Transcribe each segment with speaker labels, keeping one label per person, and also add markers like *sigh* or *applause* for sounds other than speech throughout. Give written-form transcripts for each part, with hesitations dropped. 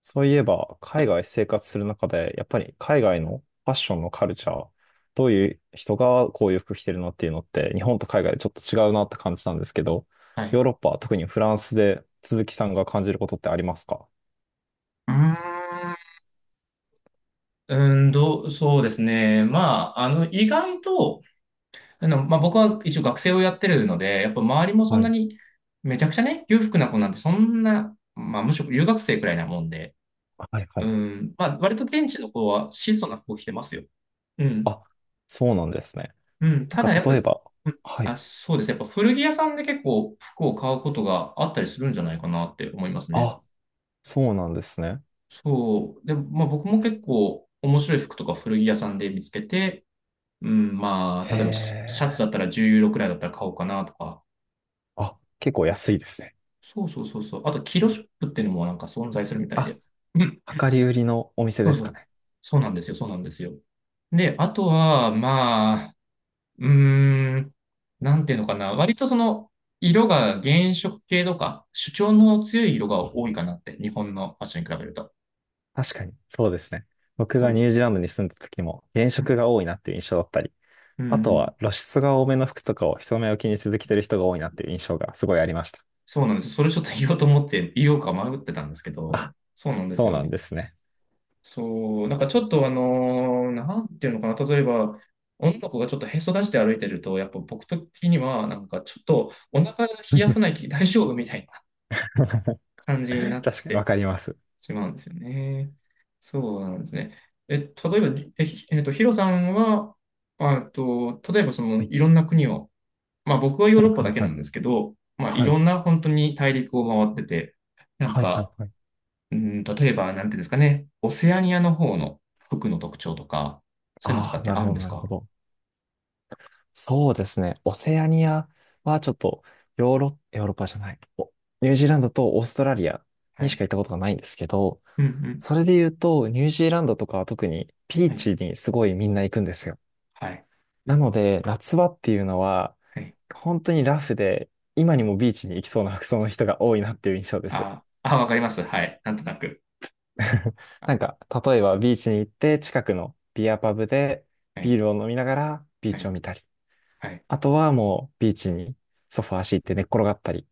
Speaker 1: そういえば、海外生活する中で、やっぱり海外のファッションのカルチャー、どういう人がこういう服着てるのっていうのって、日本と海外でちょっと違うなって感じたんですけど、
Speaker 2: はい。
Speaker 1: ヨーロッパ、特にフランスで鈴木さんが感じることってありますか？
Speaker 2: うーん、うーんどう、そうですね。まあ、意外と、まあ、僕は一応学生をやってるので、やっぱ周りもそん
Speaker 1: は
Speaker 2: な
Speaker 1: い。
Speaker 2: に、めちゃくちゃね、裕福な子なんてそんな、まあ、むしろ留学生くらいなもんで、
Speaker 1: はいは
Speaker 2: う
Speaker 1: い。
Speaker 2: ん、まあ、割と現地の子は質素な服を着てますよ。うん。
Speaker 1: あ、そうなんですね。
Speaker 2: うん。
Speaker 1: なん
Speaker 2: た
Speaker 1: か
Speaker 2: だ、やっぱ、
Speaker 1: 例えば、はい。
Speaker 2: そうですね、やっぱ古着屋さんで結構服を買うことがあったりするんじゃないかなって思いますね。
Speaker 1: あ、そうなんですね。
Speaker 2: そう。で、まあ僕も結構面白い服とか古着屋さんで見つけて、うん、まあ、
Speaker 1: へ
Speaker 2: 例えばシシャツ
Speaker 1: え。
Speaker 2: だったら10ユーロくらいだったら買おうかなとか。
Speaker 1: あ、結構安いですね。
Speaker 2: そうそうそうそう。あと、キロショップっていうのもなんか存在するみたい
Speaker 1: あ、
Speaker 2: で。うん。
Speaker 1: 量り売りのお店
Speaker 2: そ
Speaker 1: で
Speaker 2: う
Speaker 1: す
Speaker 2: そ
Speaker 1: か
Speaker 2: う。
Speaker 1: ね。
Speaker 2: そうなんですよ。そうなんですよ。で、あとは、まあ、うーん、なんていうのかな。割とその、色が原色系とか、主張の強い色が多いかなって、日本のファッションに比べると。
Speaker 1: 確かに、そうですね。僕が
Speaker 2: そ
Speaker 1: ニュージーランドに住んだ時も、原
Speaker 2: う、う
Speaker 1: 色
Speaker 2: ん
Speaker 1: が多いなっていう印象だったり、
Speaker 2: う
Speaker 1: あ
Speaker 2: んう
Speaker 1: とは
Speaker 2: ん、
Speaker 1: 露出が多めの服とかを人目を気にせず着てる人が多いなっていう印象がすごいありました。
Speaker 2: そうなんです。それちょっと言おうと思って、言おうか迷ってたんですけ
Speaker 1: あ、
Speaker 2: ど、そうなんです
Speaker 1: そう
Speaker 2: よ
Speaker 1: なん
Speaker 2: ね。
Speaker 1: ですね。
Speaker 2: そう、なんかちょっとなんていうのかな、例えば、女の子がちょっとへそ出して歩いてると、やっぱ僕的には、なんかちょっとお腹冷やさない
Speaker 1: *laughs*
Speaker 2: 気大丈夫みたいな感じになっ
Speaker 1: 確かにわ
Speaker 2: て
Speaker 1: かります。
Speaker 2: しまうんですよね。そうなんですね。え、例えば、え、ひえっと、ヒロさんは、あと、例えばそ
Speaker 1: は
Speaker 2: の
Speaker 1: い、
Speaker 2: いろんな国を、まあ僕はヨー
Speaker 1: はい、
Speaker 2: ロッパ
Speaker 1: はい、
Speaker 2: だけ
Speaker 1: は
Speaker 2: な
Speaker 1: い。
Speaker 2: んですけど、まあい
Speaker 1: は
Speaker 2: ろ
Speaker 1: い、
Speaker 2: んな本当に大陸を回ってて、なん
Speaker 1: はい、はい。
Speaker 2: か、
Speaker 1: はい。
Speaker 2: うん、例えば、なんていうんですかね、オセアニアの方の服の特徴とか、そういうのと
Speaker 1: あ
Speaker 2: かっ
Speaker 1: あ、
Speaker 2: て
Speaker 1: なる
Speaker 2: あ
Speaker 1: ほ
Speaker 2: るん
Speaker 1: ど、
Speaker 2: です
Speaker 1: なるほ
Speaker 2: か？
Speaker 1: ど。そうですね。オセアニアはちょっと、ヨーロッパじゃない。お、ニュージーランドとオーストラリア
Speaker 2: は
Speaker 1: にし
Speaker 2: い。
Speaker 1: か行ったことがないんですけど、
Speaker 2: うん、うん。
Speaker 1: それで言うと、ニュージーランドとかは特にビー
Speaker 2: はい。
Speaker 1: チにすごいみんな行くんですよ。
Speaker 2: はい。
Speaker 1: なので、夏場っていうのは、
Speaker 2: はい。
Speaker 1: 本当にラフで、今にもビーチに行きそうな服装の人が多いなっていう印象です。
Speaker 2: あーあ、わかります。はい。なんとなく。あ、
Speaker 1: なんか、例えばビーチに行って、近くのビアパブで
Speaker 2: は
Speaker 1: ビ
Speaker 2: い。
Speaker 1: ールを飲みながらビー
Speaker 2: は
Speaker 1: チ
Speaker 2: い。
Speaker 1: を見たり、
Speaker 2: はい。
Speaker 1: あとはもうビーチにソファー敷いて寝っ転がったり、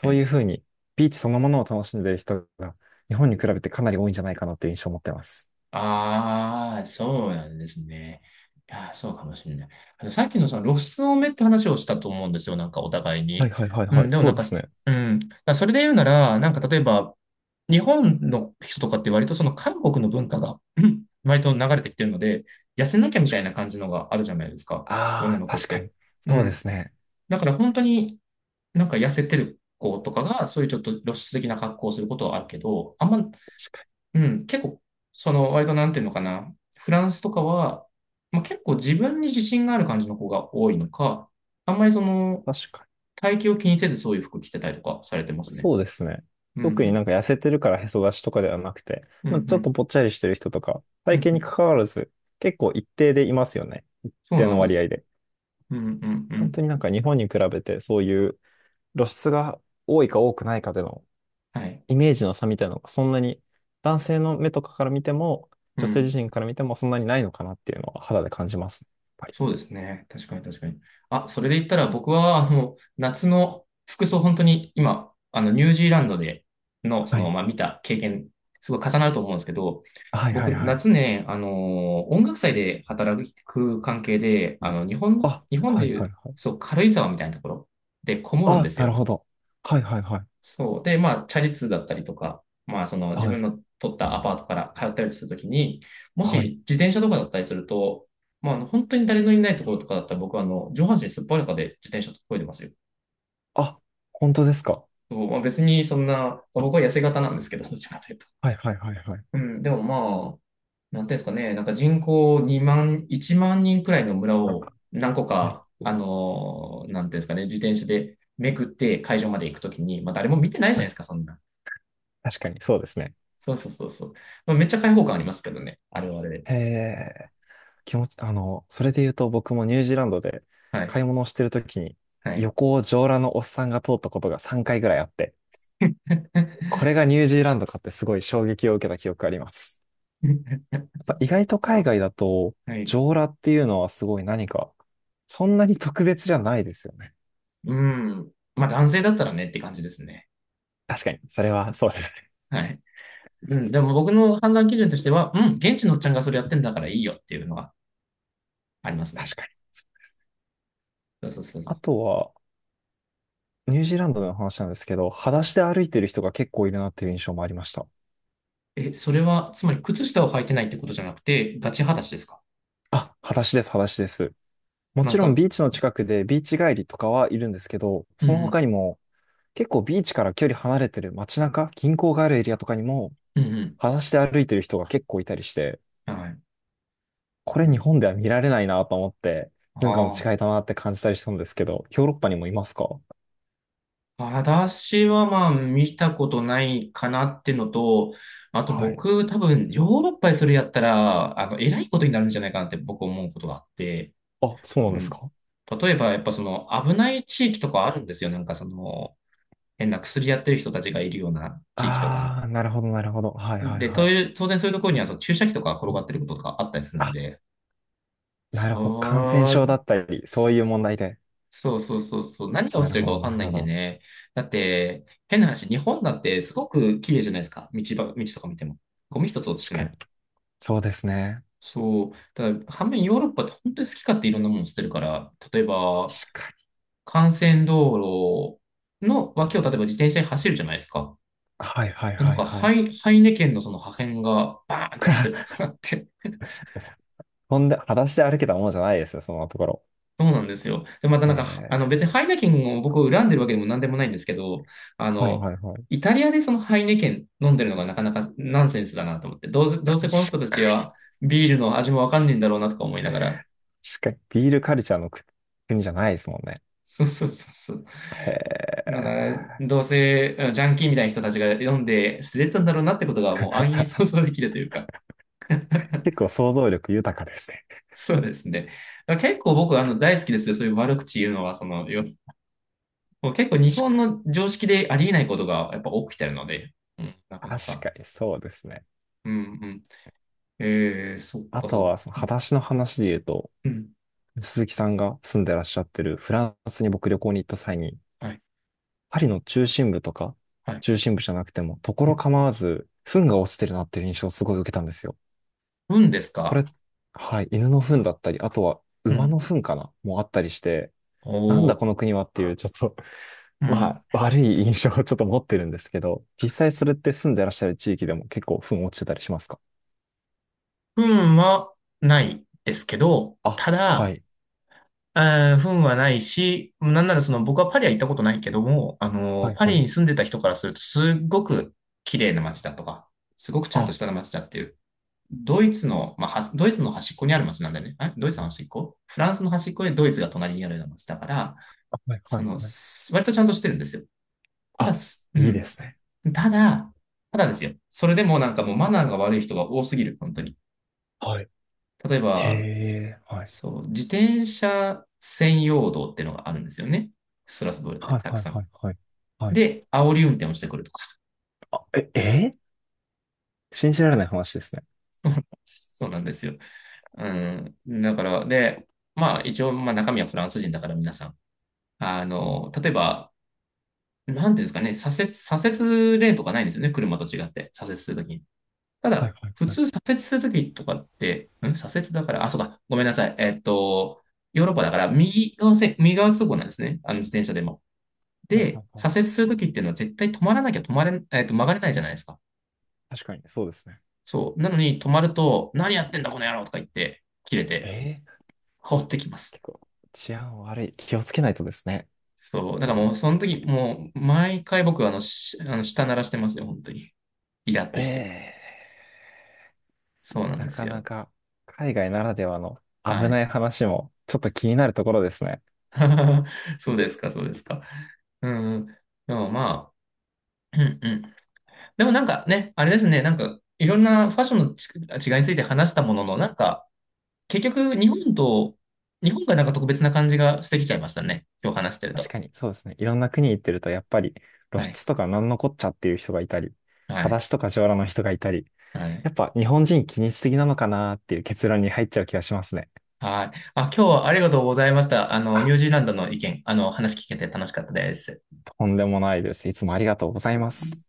Speaker 2: は
Speaker 1: うい
Speaker 2: い。
Speaker 1: うふうにビーチそのものを楽しんでる人が日本に比べてかなり多いんじゃないかなっていう印象を持ってます。
Speaker 2: ああ、そうなんですね。いやー、そうかもしれない。あの、さっきのその露出多めって話をしたと思うんですよ。なんかお互い
Speaker 1: はい
Speaker 2: に。
Speaker 1: はいはい
Speaker 2: う
Speaker 1: はい。
Speaker 2: ん、でも
Speaker 1: そ
Speaker 2: なん
Speaker 1: うで
Speaker 2: か、
Speaker 1: すね。
Speaker 2: うん。だからそれで言うなら、なんか例えば、日本の人とかって割とその韓国の文化が、うん、割と流れてきてるので、痩せなきゃみたいな感じのがあるじゃないですか。女
Speaker 1: ああ、
Speaker 2: の子っ
Speaker 1: 確か
Speaker 2: て。
Speaker 1: に。
Speaker 2: う
Speaker 1: そうで
Speaker 2: ん。
Speaker 1: すね。
Speaker 2: だから本当になんか痩せてる子とかが、そういうちょっと露出的な格好をすることはあるけど、あんま、
Speaker 1: 確か
Speaker 2: うん、結構、その、割となんていうのかな。フランスとかは、まあ、結構自分に自信がある感じの子が多いのか、あんまりその、
Speaker 1: に。確か
Speaker 2: 体型を気にせずそういう服着てたりとかされてま
Speaker 1: に。
Speaker 2: すね。
Speaker 1: そうですね。
Speaker 2: うんう
Speaker 1: 特に
Speaker 2: ん。
Speaker 1: なんか痩せてるからへそ出しとかではなくて、
Speaker 2: うんう
Speaker 1: まあ、ちょっと
Speaker 2: ん。
Speaker 1: ぽっちゃりしてる人とか、
Speaker 2: う
Speaker 1: 体
Speaker 2: ん
Speaker 1: 型
Speaker 2: う
Speaker 1: に
Speaker 2: ん。
Speaker 1: 関わらず、結構一定でいますよね。一
Speaker 2: そう
Speaker 1: 定
Speaker 2: な
Speaker 1: の
Speaker 2: んで
Speaker 1: 割
Speaker 2: す。
Speaker 1: 合で。
Speaker 2: うんうんう
Speaker 1: 本
Speaker 2: ん。
Speaker 1: 当になんか日本に比べて、そういう露出が多いか多くないかでの
Speaker 2: はい。
Speaker 1: イメージの差みたいなのが、そんなに男性の目とかから見ても、
Speaker 2: う
Speaker 1: 女性自
Speaker 2: ん。
Speaker 1: 身から見てもそんなにないのかなっていうのは肌で感じます。やっぱり。
Speaker 2: そうですね。確かに確かに。あ、それで言ったら僕は、あの、夏の服装、本当に今、あの、ニュージーランドでの、そ
Speaker 1: は
Speaker 2: の、
Speaker 1: い。
Speaker 2: まあ、見た経験、すごい重なると思うんですけど、
Speaker 1: はいはい
Speaker 2: 僕、
Speaker 1: はい。
Speaker 2: 夏ね、あの、音楽祭で働く関係で、あの、日本の、
Speaker 1: あ、
Speaker 2: 日本
Speaker 1: は
Speaker 2: で
Speaker 1: い
Speaker 2: い
Speaker 1: はい
Speaker 2: う、
Speaker 1: はい。
Speaker 2: そう、軽井沢みたいなところでこもるんで
Speaker 1: あ、
Speaker 2: す
Speaker 1: なる
Speaker 2: よ。
Speaker 1: ほど。はいはいはい。
Speaker 2: そう。で、まあ、チャリ通だったりとか、まあ、その自
Speaker 1: は
Speaker 2: 分
Speaker 1: い。
Speaker 2: の取ったアパートから通ったりするときに、も
Speaker 1: はい。
Speaker 2: し自転車とかだったりすると、まあ、本当に誰のいないところとかだったら僕はあの上半身すっぱらかで自転車とこいでますよ。
Speaker 1: あ、本当ですか？
Speaker 2: そうまあ、別にそんな、僕は痩せ型なんですけど、どっちかというと。
Speaker 1: はいはいはいはい。
Speaker 2: うん、でもまあ、なんていうんですかね、なんか人口2万、1万人くらいの村
Speaker 1: は
Speaker 2: を何個か、
Speaker 1: い
Speaker 2: なんていうんですかね、自転車でめくって会場まで行くときに、まあ誰も見てないじゃな
Speaker 1: は
Speaker 2: いで
Speaker 1: い。
Speaker 2: すか、そんな。
Speaker 1: 確かに、そうですね。
Speaker 2: そうそうそうそう。まあ、めっちゃ開放感ありますけどね。あれはあれで。
Speaker 1: へえ、気持ち、それで言うと僕もニュージーランドで
Speaker 2: はい。
Speaker 1: 買い物をしてるときに、
Speaker 2: はい。
Speaker 1: 横を上裸のおっさんが通ったことが3回ぐらいあって、これがニュージーランドかってすごい衝撃を受けた記憶があります。
Speaker 2: *laughs*
Speaker 1: やっぱ意外と海外だと、
Speaker 2: はい。
Speaker 1: 上裸っていうのはすごい何か、そんなに特別じゃないですよね。
Speaker 2: うん。まあ男性だったらねって感じですね。
Speaker 1: 確かに、それはそうですね。
Speaker 2: はい。うん。でも僕の判断基準としては、うん、現地のおっちゃんがそれやってんだからいいよっていうのがあります
Speaker 1: 確
Speaker 2: ね。
Speaker 1: かに。
Speaker 2: そうそうそう
Speaker 1: あ
Speaker 2: そ
Speaker 1: とは、ニュージーランドでの話なんですけど、裸足で歩いてる人が結構いるなっていう印象もありました。
Speaker 2: う。え、それは、つまり靴下を履いてないってことじゃなくて、ガチ裸足ですか？
Speaker 1: あ、裸足です、裸足です。も
Speaker 2: な
Speaker 1: ち
Speaker 2: んか、
Speaker 1: ろん
Speaker 2: う
Speaker 1: ビーチの近くでビーチ帰りとかはいるんですけど、
Speaker 2: んう
Speaker 1: その
Speaker 2: ん。
Speaker 1: 他にも結構ビーチから距離離れてる街中、銀行があるエリアとかにも
Speaker 2: うん
Speaker 1: 裸足で歩いてる人が結構いたりして、
Speaker 2: うん。はい。
Speaker 1: こ
Speaker 2: う
Speaker 1: れ日
Speaker 2: ん。
Speaker 1: 本では見られないなと思って、文化の
Speaker 2: ああ。
Speaker 1: 違いだなって感じたりしたんですけど、ヨーロッパにもいますか？
Speaker 2: 私はまあ見たことないかなってのと、あと
Speaker 1: はい。
Speaker 2: 僕多分ヨーロッパでそれやったら、あの、偉いことになるんじゃないかなって僕思うことがあって、
Speaker 1: あ、そうな
Speaker 2: う
Speaker 1: んです
Speaker 2: ん。
Speaker 1: か？
Speaker 2: 例えばやっぱその危ない地域とかあるんですよ。なんかその変な薬やってる人たちがいるような地域とか。
Speaker 1: ああー、なるほど、なるほど。はいはい
Speaker 2: で、
Speaker 1: は
Speaker 2: と
Speaker 1: い。
Speaker 2: いう当然そういうところにはその注射器とか転がってることとかあったりするん
Speaker 1: あ、
Speaker 2: で、
Speaker 1: な
Speaker 2: そ、
Speaker 1: るほど。感染症だったり、そういう問題で。
Speaker 2: そうそうそうそう。何が落
Speaker 1: な
Speaker 2: ち
Speaker 1: る
Speaker 2: てる
Speaker 1: ほ
Speaker 2: か
Speaker 1: ど、
Speaker 2: わ
Speaker 1: な
Speaker 2: かん
Speaker 1: る
Speaker 2: ない
Speaker 1: ほ
Speaker 2: んで
Speaker 1: ど。
Speaker 2: ね。だって、変な話、日本だってすごく綺麗じゃないですか。道とか見ても。ゴミ一つ落ちて
Speaker 1: 確
Speaker 2: な
Speaker 1: かに。
Speaker 2: い。
Speaker 1: そうですね。
Speaker 2: そう。ただ反面ヨーロッパって本当に好き勝手いろんなもの捨てるから、例えば、
Speaker 1: 確かに。
Speaker 2: 幹線道路の脇を例えば自転車に走るじゃないですか。
Speaker 1: はい、はい、
Speaker 2: でなん
Speaker 1: はい、
Speaker 2: か、
Speaker 1: はい。
Speaker 2: ハイネケンのその破片がバーンと落ちてると
Speaker 1: *laughs*
Speaker 2: かあって、
Speaker 1: ほんで、裸足で歩けたものじゃないですよ、そのところ。
Speaker 2: そうなんですよ。で、またなんか、あの
Speaker 1: え
Speaker 2: 別に
Speaker 1: ー、
Speaker 2: ハイネケンを僕を恨んでるわけでも何でもないんですけど、あ
Speaker 1: はい、
Speaker 2: の、
Speaker 1: はい、はい。
Speaker 2: イタリアでそのハイネケン飲んでるのがなかなかナンセンスだなと思って、どうせ、ど
Speaker 1: 確
Speaker 2: うせこの人た
Speaker 1: か、
Speaker 2: ちはビールの味もわかんねえんだろうなとか思いながら、
Speaker 1: 確かに、ビールカルチャーの国じゃないですもんね。
Speaker 2: *laughs* そうそうそうそう。
Speaker 1: へ
Speaker 2: なんか、
Speaker 1: え。
Speaker 2: どうせあのジャンキーみたいな人たちが飲んで捨ててたんだろうなってことがもう安易
Speaker 1: *laughs*
Speaker 2: に想像できるというか、
Speaker 1: 結構想像力豊かですね。
Speaker 2: そうですね。だから結構僕あの大好きですよ。そういう悪口言うのは、その、もう結構日
Speaker 1: 確
Speaker 2: 本
Speaker 1: か
Speaker 2: の常識でありえないことがやっぱ起きてるので、うん、な
Speaker 1: に、
Speaker 2: かな
Speaker 1: 確
Speaker 2: か。
Speaker 1: かにそうですね。
Speaker 2: うんうん。えー、そっ
Speaker 1: あ
Speaker 2: かそ
Speaker 1: と
Speaker 2: っ
Speaker 1: は、
Speaker 2: か。
Speaker 1: その裸足の話で言うと、
Speaker 2: うん。
Speaker 1: 鈴木さんが住んでらっしゃってるフランスに僕旅行に行った際に、
Speaker 2: はい。
Speaker 1: パリの中心部とか、
Speaker 2: はい。
Speaker 1: 中心部じゃなくても、ところ構わず、糞が落ちてるなっていう印象をすごい受けたんですよ。
Speaker 2: 運です
Speaker 1: こ
Speaker 2: か？
Speaker 1: れ、はい、犬の糞だったり、あとは
Speaker 2: う
Speaker 1: 馬
Speaker 2: ん。
Speaker 1: の糞かなもあったりして、なん
Speaker 2: お
Speaker 1: だこの
Speaker 2: ー。
Speaker 1: 国はっていう、ちょっと、*laughs*
Speaker 2: う
Speaker 1: ま
Speaker 2: ん。
Speaker 1: あ、悪い印象をちょっと持ってるんですけど、実際それって住んでらっしゃる地域でも結構糞落ちてたりしますか？
Speaker 2: 運はないですけど、
Speaker 1: あ、
Speaker 2: た
Speaker 1: は
Speaker 2: だ、
Speaker 1: い。
Speaker 2: 運はないし、なんならその僕はパリは行ったことないけども、
Speaker 1: はい
Speaker 2: パ
Speaker 1: は
Speaker 2: リ
Speaker 1: い。
Speaker 2: に住んでた人からするとすっごく綺麗な街だとか、すごくち
Speaker 1: あ、
Speaker 2: ゃんとし
Speaker 1: は
Speaker 2: た街だっていう、ドイツの、まあ、ドイツの端っこにある町なんだよね。ドイツの端っこ、フランスの端っこでドイツが隣にあるような町だから、
Speaker 1: いはい
Speaker 2: その、
Speaker 1: はい。
Speaker 2: 割とちゃんとしてるんですよ。ただ、
Speaker 1: あ、
Speaker 2: う
Speaker 1: いいで
Speaker 2: ん。
Speaker 1: すね。
Speaker 2: ただ、ただですよ。それでもなんかもうマナーが悪い人が多すぎる、本当に。
Speaker 1: はい。
Speaker 2: 例え
Speaker 1: へ
Speaker 2: ば、
Speaker 1: え、はい。
Speaker 2: そう、自転車専用道っていうのがあるんですよね。ストラスブールって
Speaker 1: はい
Speaker 2: たく
Speaker 1: はい
Speaker 2: さ
Speaker 1: は
Speaker 2: ん。
Speaker 1: いはい。はい。
Speaker 2: で、煽り運転をしてくるとか。
Speaker 1: あ、え、えー、信じられない話ですね。
Speaker 2: *laughs* そうなんですよ。うん。だから、で、まあ一応、まあ中身はフランス人だから皆さん。あの、例えば、なんていうんですかね、左折レーンとかないんですよね、車と違って、左折するときに。た
Speaker 1: はい
Speaker 2: だ、
Speaker 1: はい
Speaker 2: 普
Speaker 1: はい。
Speaker 2: 通左折するときとかって、ん左折だから、あ、そうか、ごめんなさい。ヨーロッパだから、右側通行なんですね、あの自転車でも。
Speaker 1: はいは
Speaker 2: で、
Speaker 1: いはい。
Speaker 2: 左折するときっていうのは絶対止まらなきゃ止まれ、えっと、曲がれないじゃないですか。
Speaker 1: 確かに、そうですね。
Speaker 2: そう。なのに止まると、何やってんだ、この野郎とか言って、切れて、
Speaker 1: ええ。
Speaker 2: 放ってきます。
Speaker 1: 結構治安悪い。気をつけないとですね。
Speaker 2: そう。だからもう、その時、もう、毎回僕、あの、舌鳴らしてますよ、本当に。イラッ
Speaker 1: え
Speaker 2: として。
Speaker 1: え。
Speaker 2: そうなん
Speaker 1: な
Speaker 2: です
Speaker 1: かな
Speaker 2: よ。
Speaker 1: か海外ならではの
Speaker 2: は
Speaker 1: 危な
Speaker 2: い。
Speaker 1: い話もちょっと気になるところですね。
Speaker 2: *laughs* そうですか、そうですか。うん。でもまあ、うんうん。でもなんかね、あれですね、なんかいろんなファッションの違いについて話したものの、なんか結局日本と、日本がなんか特別な感じがしてきちゃいましたね。今日話してる
Speaker 1: 確
Speaker 2: と。
Speaker 1: かに、そうですね。いろんな国行ってると、やっぱり露
Speaker 2: はい。
Speaker 1: 出とかなんのこっちゃっていう人がいたり、
Speaker 2: はい。
Speaker 1: 裸足とか上裸の人がいたり、
Speaker 2: はい。
Speaker 1: やっぱ日本人気にしすぎなのかなっていう結論に入っちゃう気がしますね。
Speaker 2: はい。あ、今日はありがとうございました。あの、ニ
Speaker 1: あ、
Speaker 2: ュージーランドの意見、あの、話聞けて楽しかったです。
Speaker 1: とんでもないです。いつもありがとうございます。